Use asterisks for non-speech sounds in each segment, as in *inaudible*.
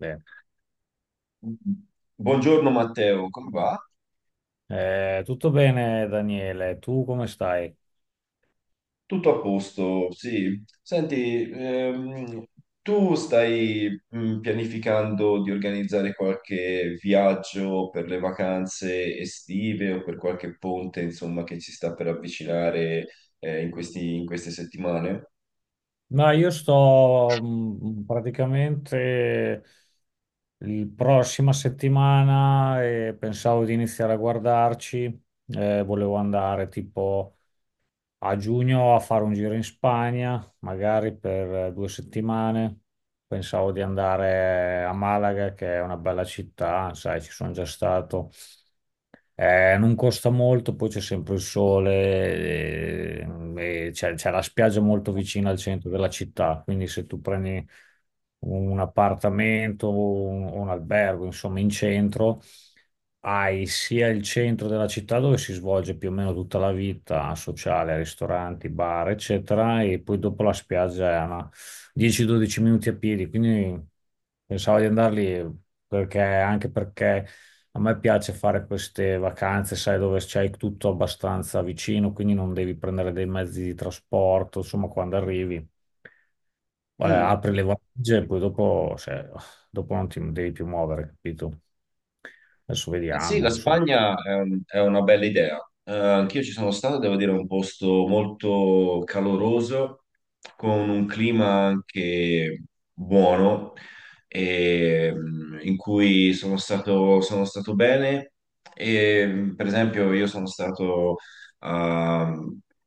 Bene. Buongiorno Matteo, come va? Tutto bene, Daniele, tu come stai? Tutto a posto, sì. Senti, tu stai pianificando di organizzare qualche viaggio per le vacanze estive o per qualche ponte, insomma, che ci sta per avvicinare in queste settimane? Ma io sto praticamente la prossima settimana e pensavo di iniziare a guardarci. Volevo andare tipo a giugno a fare un giro in Spagna, magari per due settimane. Pensavo di andare a Malaga, che è una bella città, sai, ci sono già stato. Non costa molto, poi c'è sempre il sole, e c'è la spiaggia molto vicina al centro della città, quindi se tu prendi un appartamento o un albergo, insomma, in centro, hai sia il centro della città dove si svolge più o meno tutta la vita sociale, ristoranti, bar, eccetera, e poi dopo la spiaggia è una 10-12 minuti a piedi, quindi pensavo di andarli perché, anche perché a me piace fare queste vacanze, sai, dove c'hai tutto abbastanza vicino, quindi non devi prendere dei mezzi di trasporto, insomma, quando arrivi, Mm. apri le valigie e poi dopo, cioè, dopo non ti devi più muovere, capito? Adesso Eh sì, vediamo, la insomma. Spagna è, è una bella idea. Anch'io ci sono stato, devo dire, è un posto molto caloroso, con un clima anche buono, e, in cui sono stato bene. E, per esempio, io sono stato ah,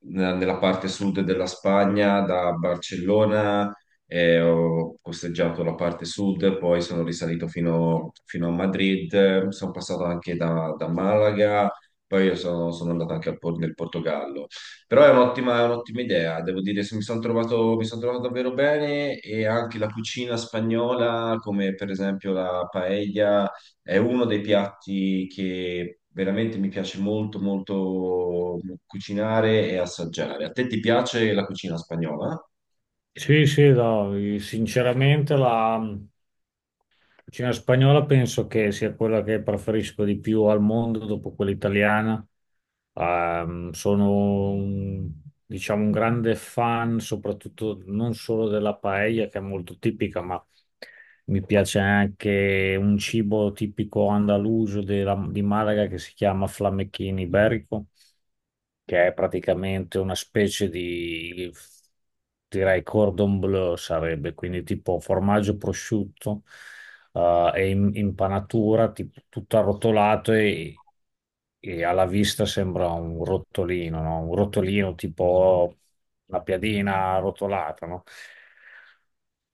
nella parte sud della Spagna, da Barcellona e ho costeggiato la parte sud, poi sono risalito fino a Madrid, sono passato anche da Malaga, poi io sono, sono andato anche al nel Portogallo. Però è un'ottima idea, devo dire, se mi sono trovato, mi sono trovato davvero bene, e anche la cucina spagnola, come per esempio la paella, è uno dei piatti che veramente mi piace molto, molto cucinare e assaggiare. A te ti piace la cucina spagnola? Sì, sì, no, sinceramente la cucina spagnola penso che sia quella che preferisco di più al mondo dopo quella italiana. Ehm, sono un- diciamo un grande fan, soprattutto non solo della paella che è molto tipica, ma mi piace anche un cibo tipico andaluso di Malaga che si chiama flamechino iberico, che è praticamente una specie di, direi, cordon bleu sarebbe, quindi tipo formaggio prosciutto, è in impanatura, tipo, tutto arrotolato, e alla vista sembra un rotolino, no? Un rotolino tipo una piadina arrotolata, no?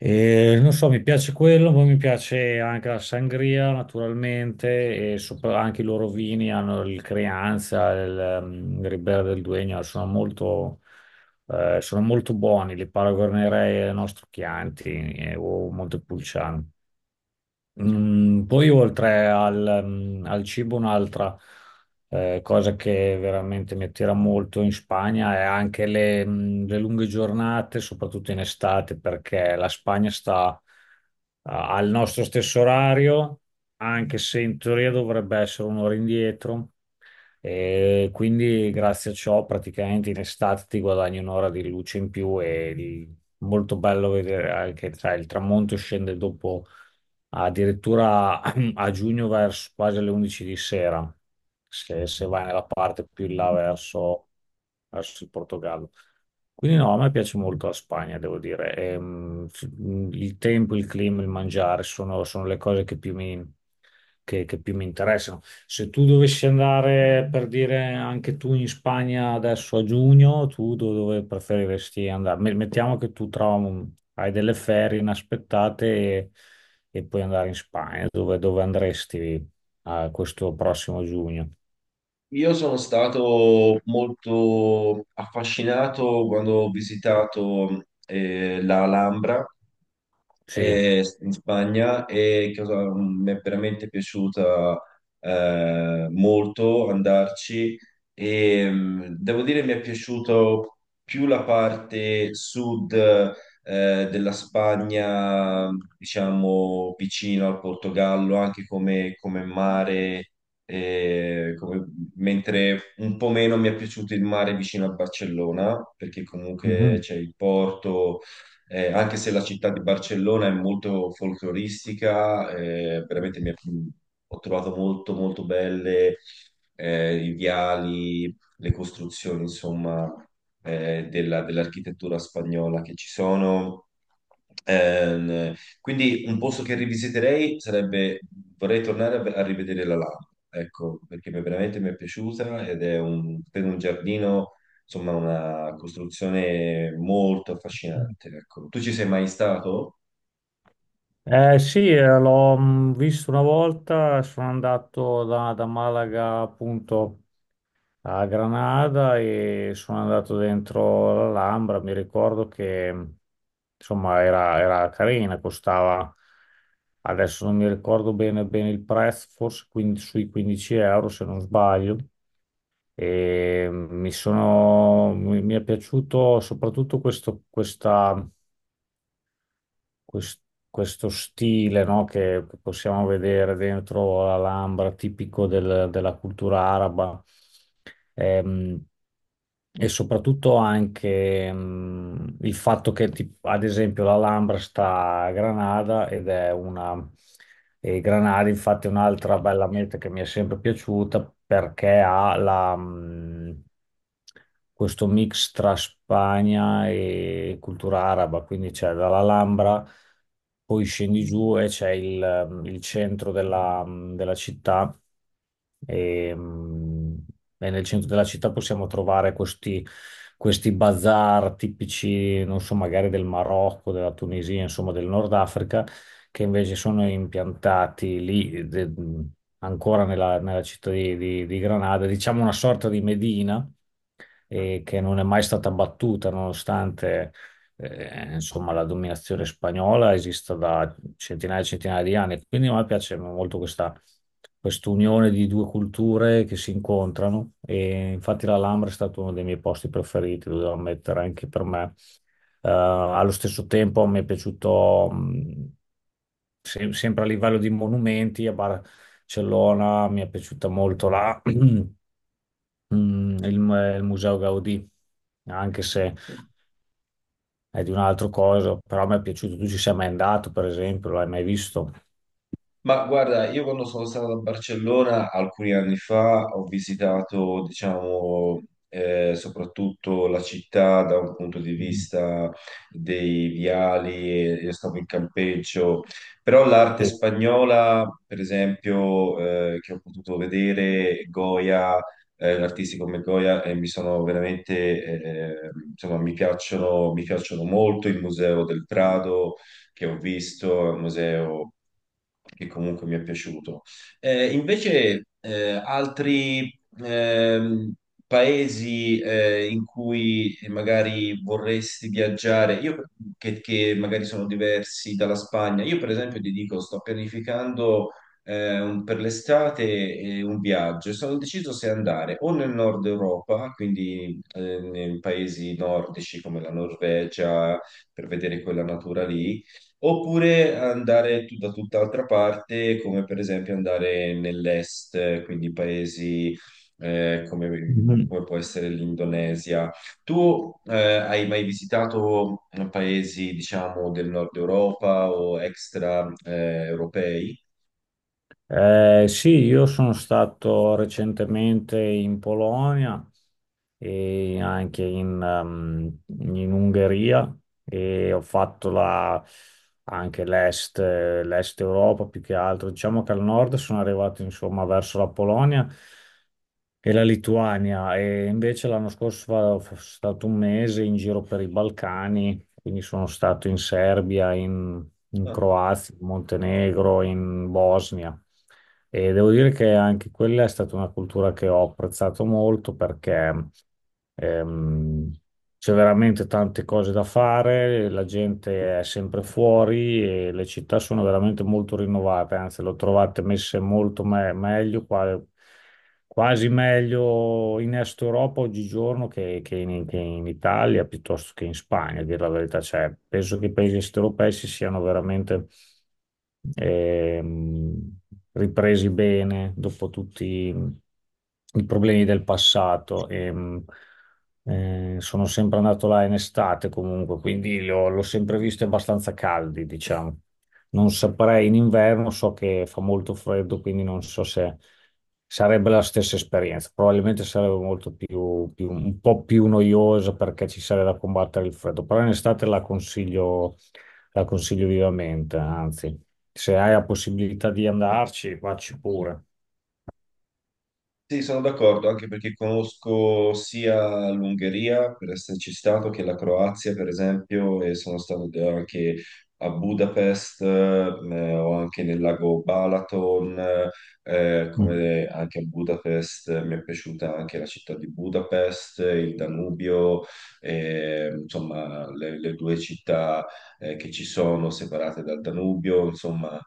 E non so, mi piace quello, poi mi piace anche la sangria naturalmente e sopra- anche i loro vini hanno il Crianza, il Ribera del Duegno, sono molto buoni, li paragonerei al nostro Chianti o Montepulciano. Poi oltre al cibo, un'altra cosa che veramente mi attira molto in Spagna è anche le lunghe giornate, soprattutto in estate, perché la Spagna sta al nostro stesso orario, anche se in teoria dovrebbe essere un'ora indietro. E quindi grazie a ciò praticamente in estate ti guadagni un'ora di luce in più e di- molto bello vedere anche tra il tramonto scende dopo addirittura *clears throat* a giugno verso quasi alle 11 di sera, se, se vai nella parte più in là verso verso il Portogallo. Quindi no, a me piace molto la Spagna, devo dire. Il tempo, il clima, il mangiare sono le cose che più mi, che più mi interessano. Se tu dovessi andare, per dire, anche tu in Spagna adesso a giugno, dove preferiresti andare? Me- mettiamo che tu trovi, hai delle ferie inaspettate e puoi andare in Spagna. Dove andresti a questo prossimo giugno? Io sono stato molto affascinato quando ho visitato la Alhambra Sì. In Spagna, e mi è veramente piaciuta molto andarci, e devo dire mi è piaciuto più la parte sud della Spagna, diciamo vicino al Portogallo, anche come, come mare e come- mentre un po' meno mi è piaciuto il mare vicino a Barcellona, perché comunque c'è il porto, anche se la città di Barcellona è molto folcloristica, ho trovato molto molto belle i viali, le costruzioni, insomma, dell'architettura spagnola che ci sono. Ehm, quindi un posto che rivisiterei sarebbe, vorrei tornare a rivedere la Lama, ecco, perché veramente mi è piaciuta ed è per un giardino, insomma, una costruzione molto Mhm. affascinante, ecco. Tu ci sei mai stato? Eh sì, l'ho visto una volta, sono andato da Malaga appunto a Granada e sono andato dentro l'Alhambra, mi ricordo che insomma era carina, costava, adesso non mi ricordo bene il prezzo, forse sui 15 euro se non sbaglio, e mi è piaciuto soprattutto quest- questo stile, no, che possiamo vedere dentro l'Alhambra, tipico della cultura araba. Ehm, e soprattutto anche il fatto che, ad esempio, l'Alhambra sta a Granada ed è una. E Granari, infatti, è un'altra bella meta che mi è sempre piaciuta perché ha questo mix tra Spagna e cultura araba, quindi c'è dall'Alhambra, poi scendi giù e c'è il centro della città e, mh, e nel centro della città possiamo trovare questi bazar tipici, non so, magari del Marocco, della Tunisia, insomma del Nord Africa, che invece sono impiantati lì, ancora nella città di Granada, diciamo una sorta di Medina, che non è mai stata battuta nonostante, insomma, la dominazione spagnola esista da centinaia e centinaia di anni. Quindi a me piace molto questa quest'unione di due culture che si incontrano e infatti l'Alhambra è stato uno dei miei posti preferiti, lo devo ammettere anche per me. Allo stesso tempo mi è piaciuto sempre a livello di monumenti, a Barcellona mi è piaciuta molto là, *clears throat* mm, il, il Museo Gaudì, anche se è di un'altra cosa, però mi è piaciuto. Tu ci sei mai andato, per esempio, l'hai mai visto? Ma guarda, io quando sono stato a Barcellona alcuni anni fa ho visitato, diciamo, soprattutto la città da un punto di Mm. vista dei viali, io stavo in campeggio, però l'arte Sì. spagnola, per esempio, che ho potuto vedere, Goya, artisti come Goya, mi sono veramente, insomma, mi piacciono molto il Museo del Prado che ho visto, è un museo che comunque mi è piaciuto. Invece, altri paesi in cui magari vorresti viaggiare, io, che magari sono diversi dalla Spagna, io per esempio ti dico, sto pianificando per l'estate un viaggio, e sono deciso se andare o nel nord Europa, quindi nei paesi nordici come la Norvegia, per vedere quella natura lì, oppure andare da tutt'altra parte, come per esempio andare nell'est, quindi paesi eh, come, Mhm. come può essere l'Indonesia. Tu hai mai visitato paesi, diciamo, del nord Europa o extra europei? Sì, io sono stato recentemente in Polonia e anche in Ungheria e anche l'est, l'est Europa più che altro. Diciamo che al nord sono arrivato insomma verso la Polonia e la Lituania e invece l'anno scorso sono stato un mese in giro per i Balcani, quindi sono stato in Serbia, in Croazia, in Montenegro, in Bosnia. E devo dire che anche quella è stata una cultura che ho apprezzato molto perché Ehm, c'è veramente tante cose da fare, la gente è sempre fuori e le città sono veramente molto rinnovate, anzi, le ho trovate messe molto meglio quasi meglio in Est Europa oggigiorno che in Italia piuttosto che in Spagna, a dire la verità. Cioè, penso che i paesi est europei si siano veramente ehm, ripresi bene dopo tutti i problemi del passato. Sono sempre andato là in estate comunque, quindi l'ho sempre visto abbastanza caldi, diciamo. Non saprei in inverno, so che fa molto freddo, quindi non so se sarebbe la stessa esperienza. Probabilmente sarebbe molto un po' più noiosa perché ci sarebbe da combattere il freddo, però in estate la consiglio vivamente, anzi, se hai la possibilità di andarci, vacci pure. Sì, sono d'accordo, anche perché conosco sia l'Ungheria, per esserci stato, che la Croazia, per esempio, e sono stato anche a Budapest, o anche nel lago Balaton, Mm. come anche a Budapest, mi è piaciuta anche la città di Budapest, il Danubio, insomma, le due città, che ci sono separate dal Danubio, insomma.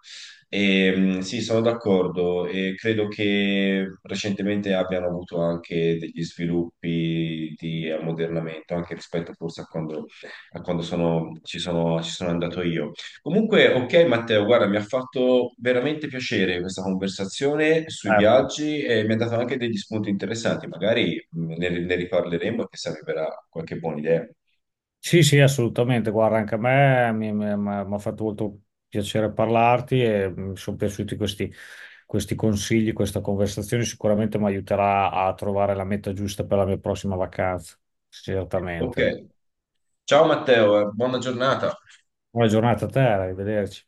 E, sì, sono d'accordo e credo che recentemente abbiano avuto anche degli sviluppi di ammodernamento, anche rispetto forse a quando ci ci sono andato io. Comunque, ok Matteo, guarda, mi ha fatto veramente piacere questa conversazione sui Eh. viaggi e mi ha dato anche degli spunti interessanti, magari ne, ne riparleremo e chissà mi verrà qualche buona idea. Sì, sì, assolutamente. Guarda, anche a me mi ha fatto molto piacere parlarti e mi sono piaciuti questi consigli, questa conversazione. Sicuramente mi aiuterà a trovare la meta giusta per la mia prossima vacanza. Ok, Certamente. ciao Matteo, buona giornata. Buona giornata a te, arrivederci.